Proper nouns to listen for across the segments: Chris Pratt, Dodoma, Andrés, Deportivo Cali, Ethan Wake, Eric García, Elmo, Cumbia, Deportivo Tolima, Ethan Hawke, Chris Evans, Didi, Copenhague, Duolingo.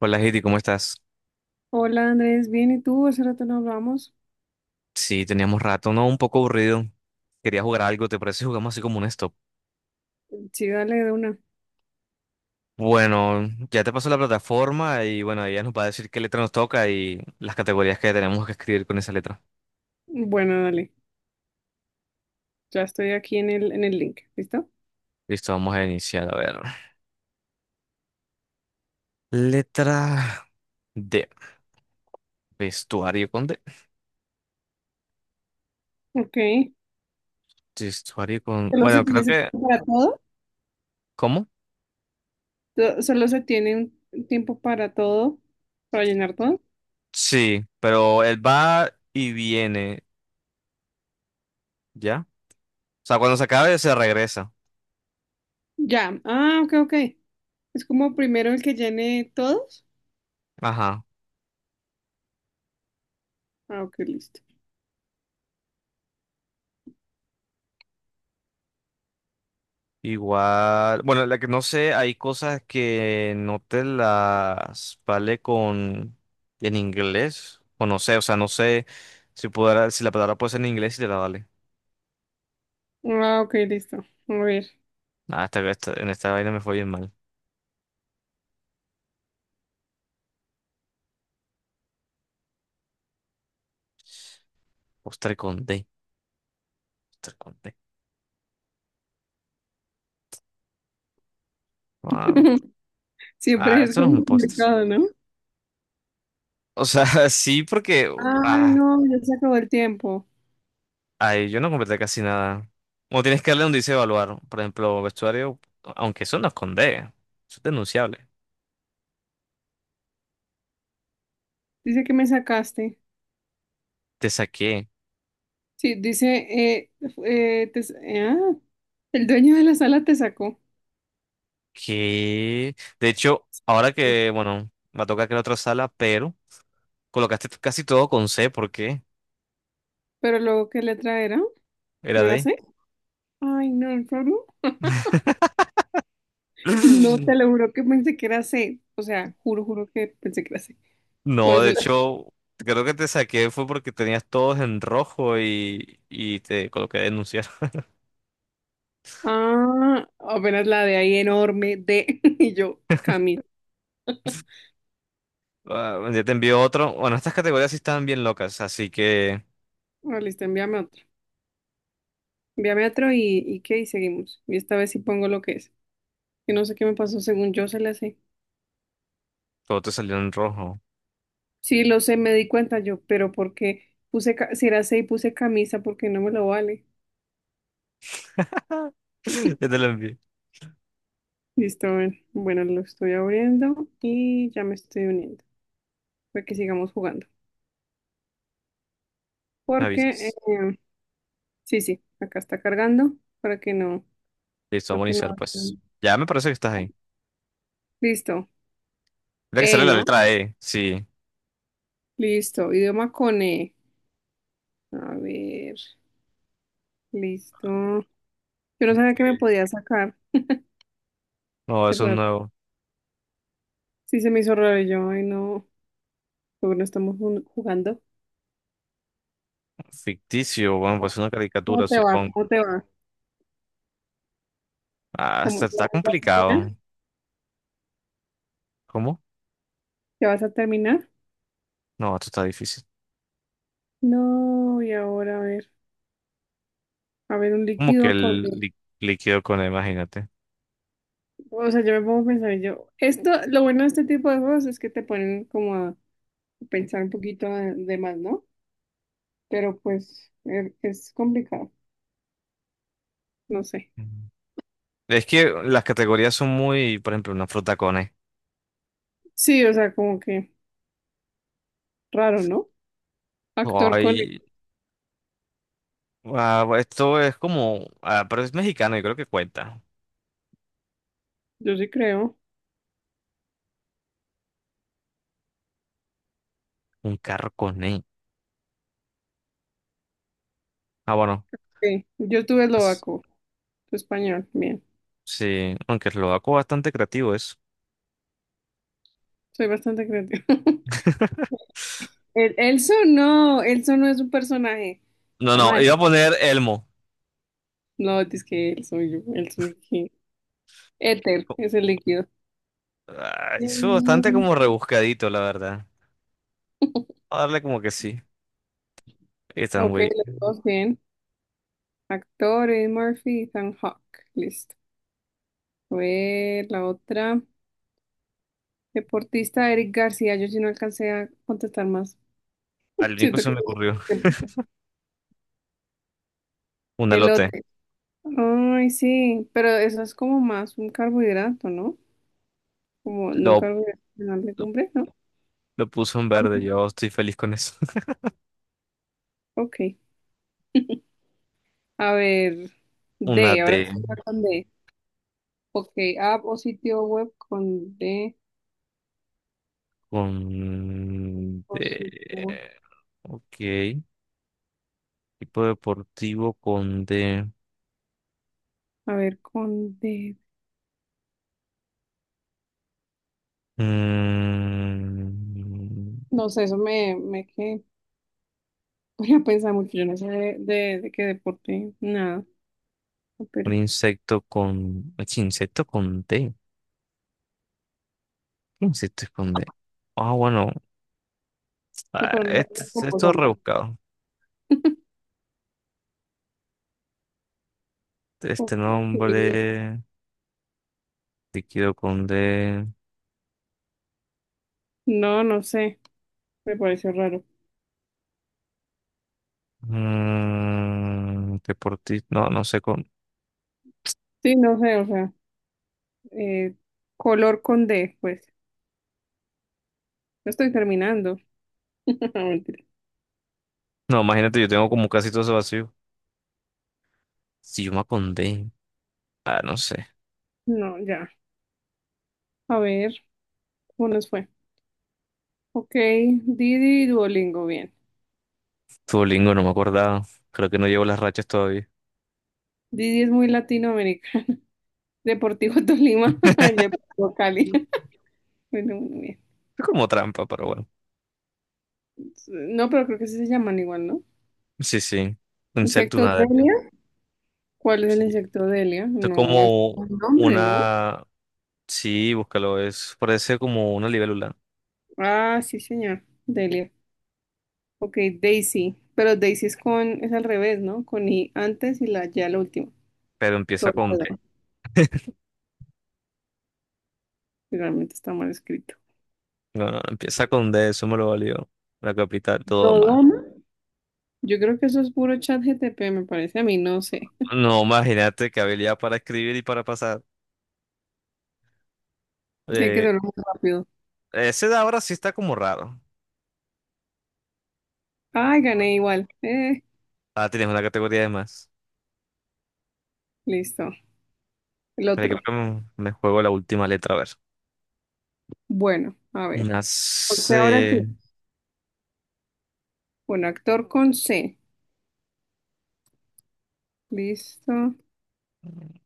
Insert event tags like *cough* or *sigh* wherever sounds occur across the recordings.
Hola, Heidi, ¿cómo estás? Hola Andrés, bien, ¿y tú? Hace rato no hablamos. Sí, teníamos rato, ¿no? Un poco aburrido. Quería jugar algo, ¿te parece? Si jugamos así como un stop. Sí, dale de una. Bueno, ya te pasó la plataforma y bueno, ella nos va a decir qué letra nos toca y las categorías que tenemos que escribir con esa letra. Bueno, dale. Ya estoy aquí en en el link. ¿Listo? Listo, vamos a iniciar, a ver. Letra D. Vestuario con D. Ok. Vestuario con... ¿Solo se Bueno, tiene creo ese que... tiempo para todo? ¿Cómo? ¿Solo se tiene un tiempo para todo? ¿Para llenar todo? Sí, pero él va y viene, ¿ya? O sea, cuando se acabe se regresa. Ya. Ah, ok, ok. Es como primero el que llene todos. Ajá. Ah, ok, listo. Igual, bueno, la que no sé, hay cosas que no te las vale con en inglés, o no sé, o sea, no sé si pudiera, si la palabra puede ser en inglés y te la vale. Ah, ok, listo. A ver. En esta vaina me fue bien mal. Postre con D, postre con D. Ah, *laughs* Siempre es Esto no es un como postre. complicado, ¿no? O sea, *laughs* sí, porque, Ay, ah, no, ya se acabó el tiempo. ay, yo no completé casi nada. O tienes que darle donde dice evaluar, por ejemplo, vestuario, aunque eso no es con D, eso es denunciable. Dice que me sacaste. Te saqué. Sí, dice, eh, te- ah, el dueño de la sala te sacó. Que, de hecho, ahora que, bueno, me toca que la otra sala, pero colocaste casi todo con C, ¿por qué? Pero luego, ¿qué letra era? Era ¿No era D. C? Ay, no, ¿en serio? *laughs* No, *laughs* te lo juro que pensé que era C. O sea, juro, juro que pensé que era C. Por No, de eso, la- hecho, creo que te saqué fue porque tenías todos en rojo y te coloqué a denunciar. *laughs* ah, apenas la de ahí enorme, D. *laughs* Y yo, Camil. Ah, ya te envío otro. Bueno, estas categorías sí estaban bien locas, así que Ah, listo, envíame otro. Envíame otro y seguimos. Y esta vez sí pongo lo que es. Que no sé qué me pasó, según yo se le hace. todo te salió en rojo. Sí, lo sé, me di cuenta yo, pero porque puse, si era 6, puse camisa porque no me lo vale. *laughs* Ya te lo envié. Listo, a ver. Bueno, lo estoy abriendo y ya me estoy uniendo para que sigamos jugando. Me Porque, avisas. sí, sí, acá está cargando para que no, Listo, no vamos a que no. iniciar, pues. Ya me parece que estás ahí. Listo. Mira que sale E, la ¿no? letra E, sí. Listo. Idioma con E. A ver, listo. Yo no sabía que me Ok. podía sacar. No, Qué eso es raro. nuevo. Sí, se me hizo raro y yo. Ay, no. Porque no estamos jugando. Ficticio, bueno, pues una ¿Cómo caricatura, te va? supongo. ¿Cómo te va? Ah, Como está, ya está vas a terminar, complicado. ¿Cómo? ya vas a terminar. No, esto está difícil. No, y ahora a ver un Como que líquido con... el lí- Líquido con él, imagínate. O sea, yo me pongo a pensar, y yo, esto, lo bueno de este tipo de juegos es que te ponen como a pensar un poquito de más, ¿no? Pero pues es complicado, no sé. Mm. Es que las categorías son muy, por ejemplo, una fruta con E. Sí, o sea, como que raro, ¿no? Actor con él, Ay, Esto es como, ah, pero es mexicano y creo que cuenta. yo sí creo. Un carro con E. Ah, bueno. Sí, yo tuve es- eslovaco, tu español, bien, Sí, aunque lo hago bastante creativo eso. soy bastante creativa. *laughs* *laughs* El, Elso no es un personaje, No, está no, mal. iba a poner Elmo. No, es que el suyo, Éter Co- es el líquido. Ah, eso es bastante Mm, como rebuscadito, la verdad. A darle como que sí. Ethan ok, Wake. los dos bien. Actores, Murphy, Ethan Hawke. Listo. A ver, la otra. Deportista, Eric García. Yo sí no alcancé a contestar más. Al único Siento se que... me ocurrió *laughs* un elote. Elote. Ay, sí, pero eso es como más un carbohidrato, ¿no? Como no Lo, carbohidrato, sino lo, legumbre, ¿no? lo puso en Ah, verde. Yo estoy feliz con eso. *laughs* ok. A ver, Una D, ahora D sí va con D. Ok, app o sitio web con D con D. o sitio web. Ok. Tipo deportivo con D. A ver, con D. Mm, No sé, eso me, me que *laughs* voy a pensar mucho. Yo no sé de qué deporte, nada. No, un pero, insecto con. Ech, insecto con D. ¿Qué insecto es con D? Ah, bueno. no, ah, pero no sé es Este, como Esto es salta. rebuscado. Este Ok. nombre. Líquido con D. No, no sé. Me pareció raro. Mm, deportista, no, no sé con... Sí, no sé, o sea, eh, color con D, pues. No estoy terminando. *laughs* No, mentira. No, imagínate, yo tengo como casi todo eso vacío. Si yo me acondé. Ah, no sé. No, ya. A ver, ¿cómo nos fue? Ok, Didi y Duolingo, bien. Duolingo, no me acordaba. Creo que no llevo las rachas todavía. Didi es muy latinoamericano. Deportivo Tolima, *laughs* *laughs* Deportivo Cali. Bueno, bueno, bien. Es como trampa, pero bueno. No, pero creo que sí se llaman igual, ¿no? Sí, sí. Insecto, Insecto nada. Delia. ¿Cuál es el Sí. insecto Delia? Es No, es como un nombre, ¿no? una... Sí, búscalo, es... Parece como una libélula, Ah, sí, señor. Delia. Ok, Daisy. Pero Daisy es con, es al revés, ¿no? Con I antes y la ya la última. pero empieza con D. Dorado. Realmente está mal escrito. No, no, empieza con D, eso me lo valió. La capital, todo más. Dodoma. Yo creo que eso es puro chat GTP, me parece a mí, no sé. No, imagínate qué habilidad para escribir y para pasar. *laughs* Tiene que Eh, ser muy rápido. Ese de ahora sí está como raro. Ay, gané igual. Ah, tienes una categoría de más. Listo. El Pero creo otro. que me juego la última letra, a ver. Bueno, a ver. Una Porque ahora sí, C. un actor con C, listo, Ok,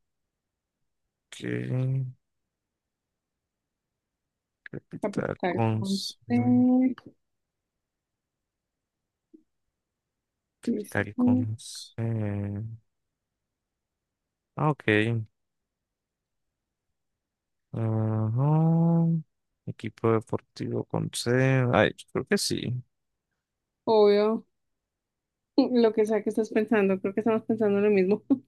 capital capital con con C, C. Capital listo, con C. Ah, ok. Ajá. Equipo deportivo con C. Ay, yo creo que sí. obvio, *laughs* lo que sea que estás pensando, creo que estamos pensando lo mismo, *laughs*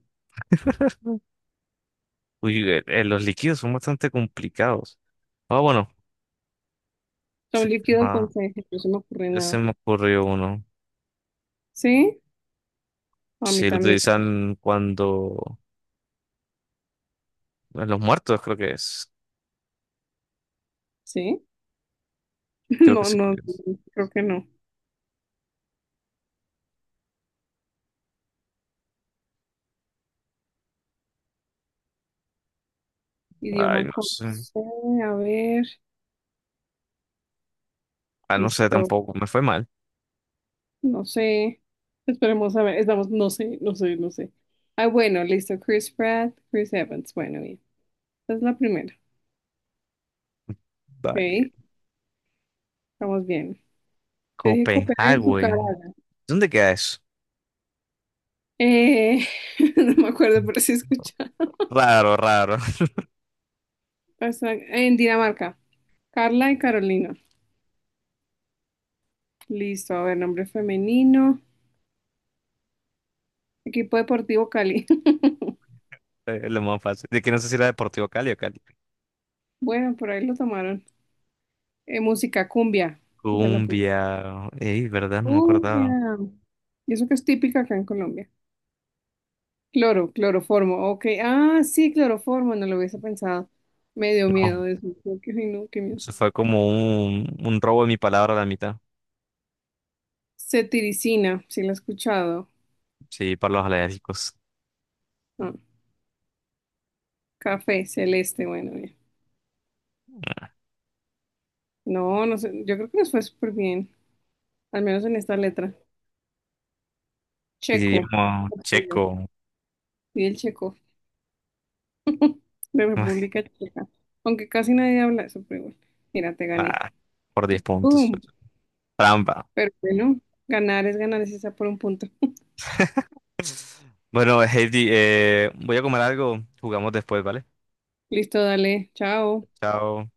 Uy, los líquidos son bastante complicados. Ah, bueno. Se, son líquidos con llama- C, no se me ocurre ya se nada, me ocurrió uno. ¿sí? A mí Si lo también, utilizan cuando los muertos creo que es. ¿sí? *laughs* Creo que No, sí. no, creo que no, Ay, idioma no con sé. C, a ver, Ah, no sé listo, tampoco. Me fue mal. no sé, esperemos a ver, estamos, no sé, no sé, no sé, ah, bueno, listo, Chris Pratt, Chris Evans, bueno, bien, esta es la primera, Vale. ¿ok? Estamos bien. Yo dije Copenhague en su cara. Copenhague. ¿Dónde queda eso? Eh, *laughs* no me acuerdo, pero sí escuchaba. Raro, raro. *laughs* En Dinamarca. Carla y Carolina. Listo, a ver, nombre femenino. Equipo deportivo Cali. *laughs* Es lo más fácil. De que no sé si era Deportivo Cali o Cali. Bueno, por ahí lo tomaron. Música, cumbia. Esa la puse. Cumbia. Ey, ¿verdad? No me acordaba. Cumbia. Y eso que es típica acá en Colombia. Cloro, cloroformo. Ok. Ah, sí, cloroformo. No lo hubiese pensado. Me dio No. miedo eso. Ay, no, qué miedo. Eso fue como un robo de mi palabra a la mitad. Cetiricina. Sí, la he escuchado. Sí, para los alérgicos. Ah, café, celeste. Bueno, ya. No, no sé, yo creo que nos fue súper bien, al menos en esta letra. Y Checo, digamos, yo. checo. Y el checo, de *laughs* República Checa. Aunque casi nadie habla eso, pero igual. Mira, te gané. Ah, por 10 puntos. ¡Boom! Trampa. Pero bueno, ganar, es esa por un punto. Bueno, Heidi, voy a comer algo. Jugamos después, ¿vale? Listo, dale, chao. Chao.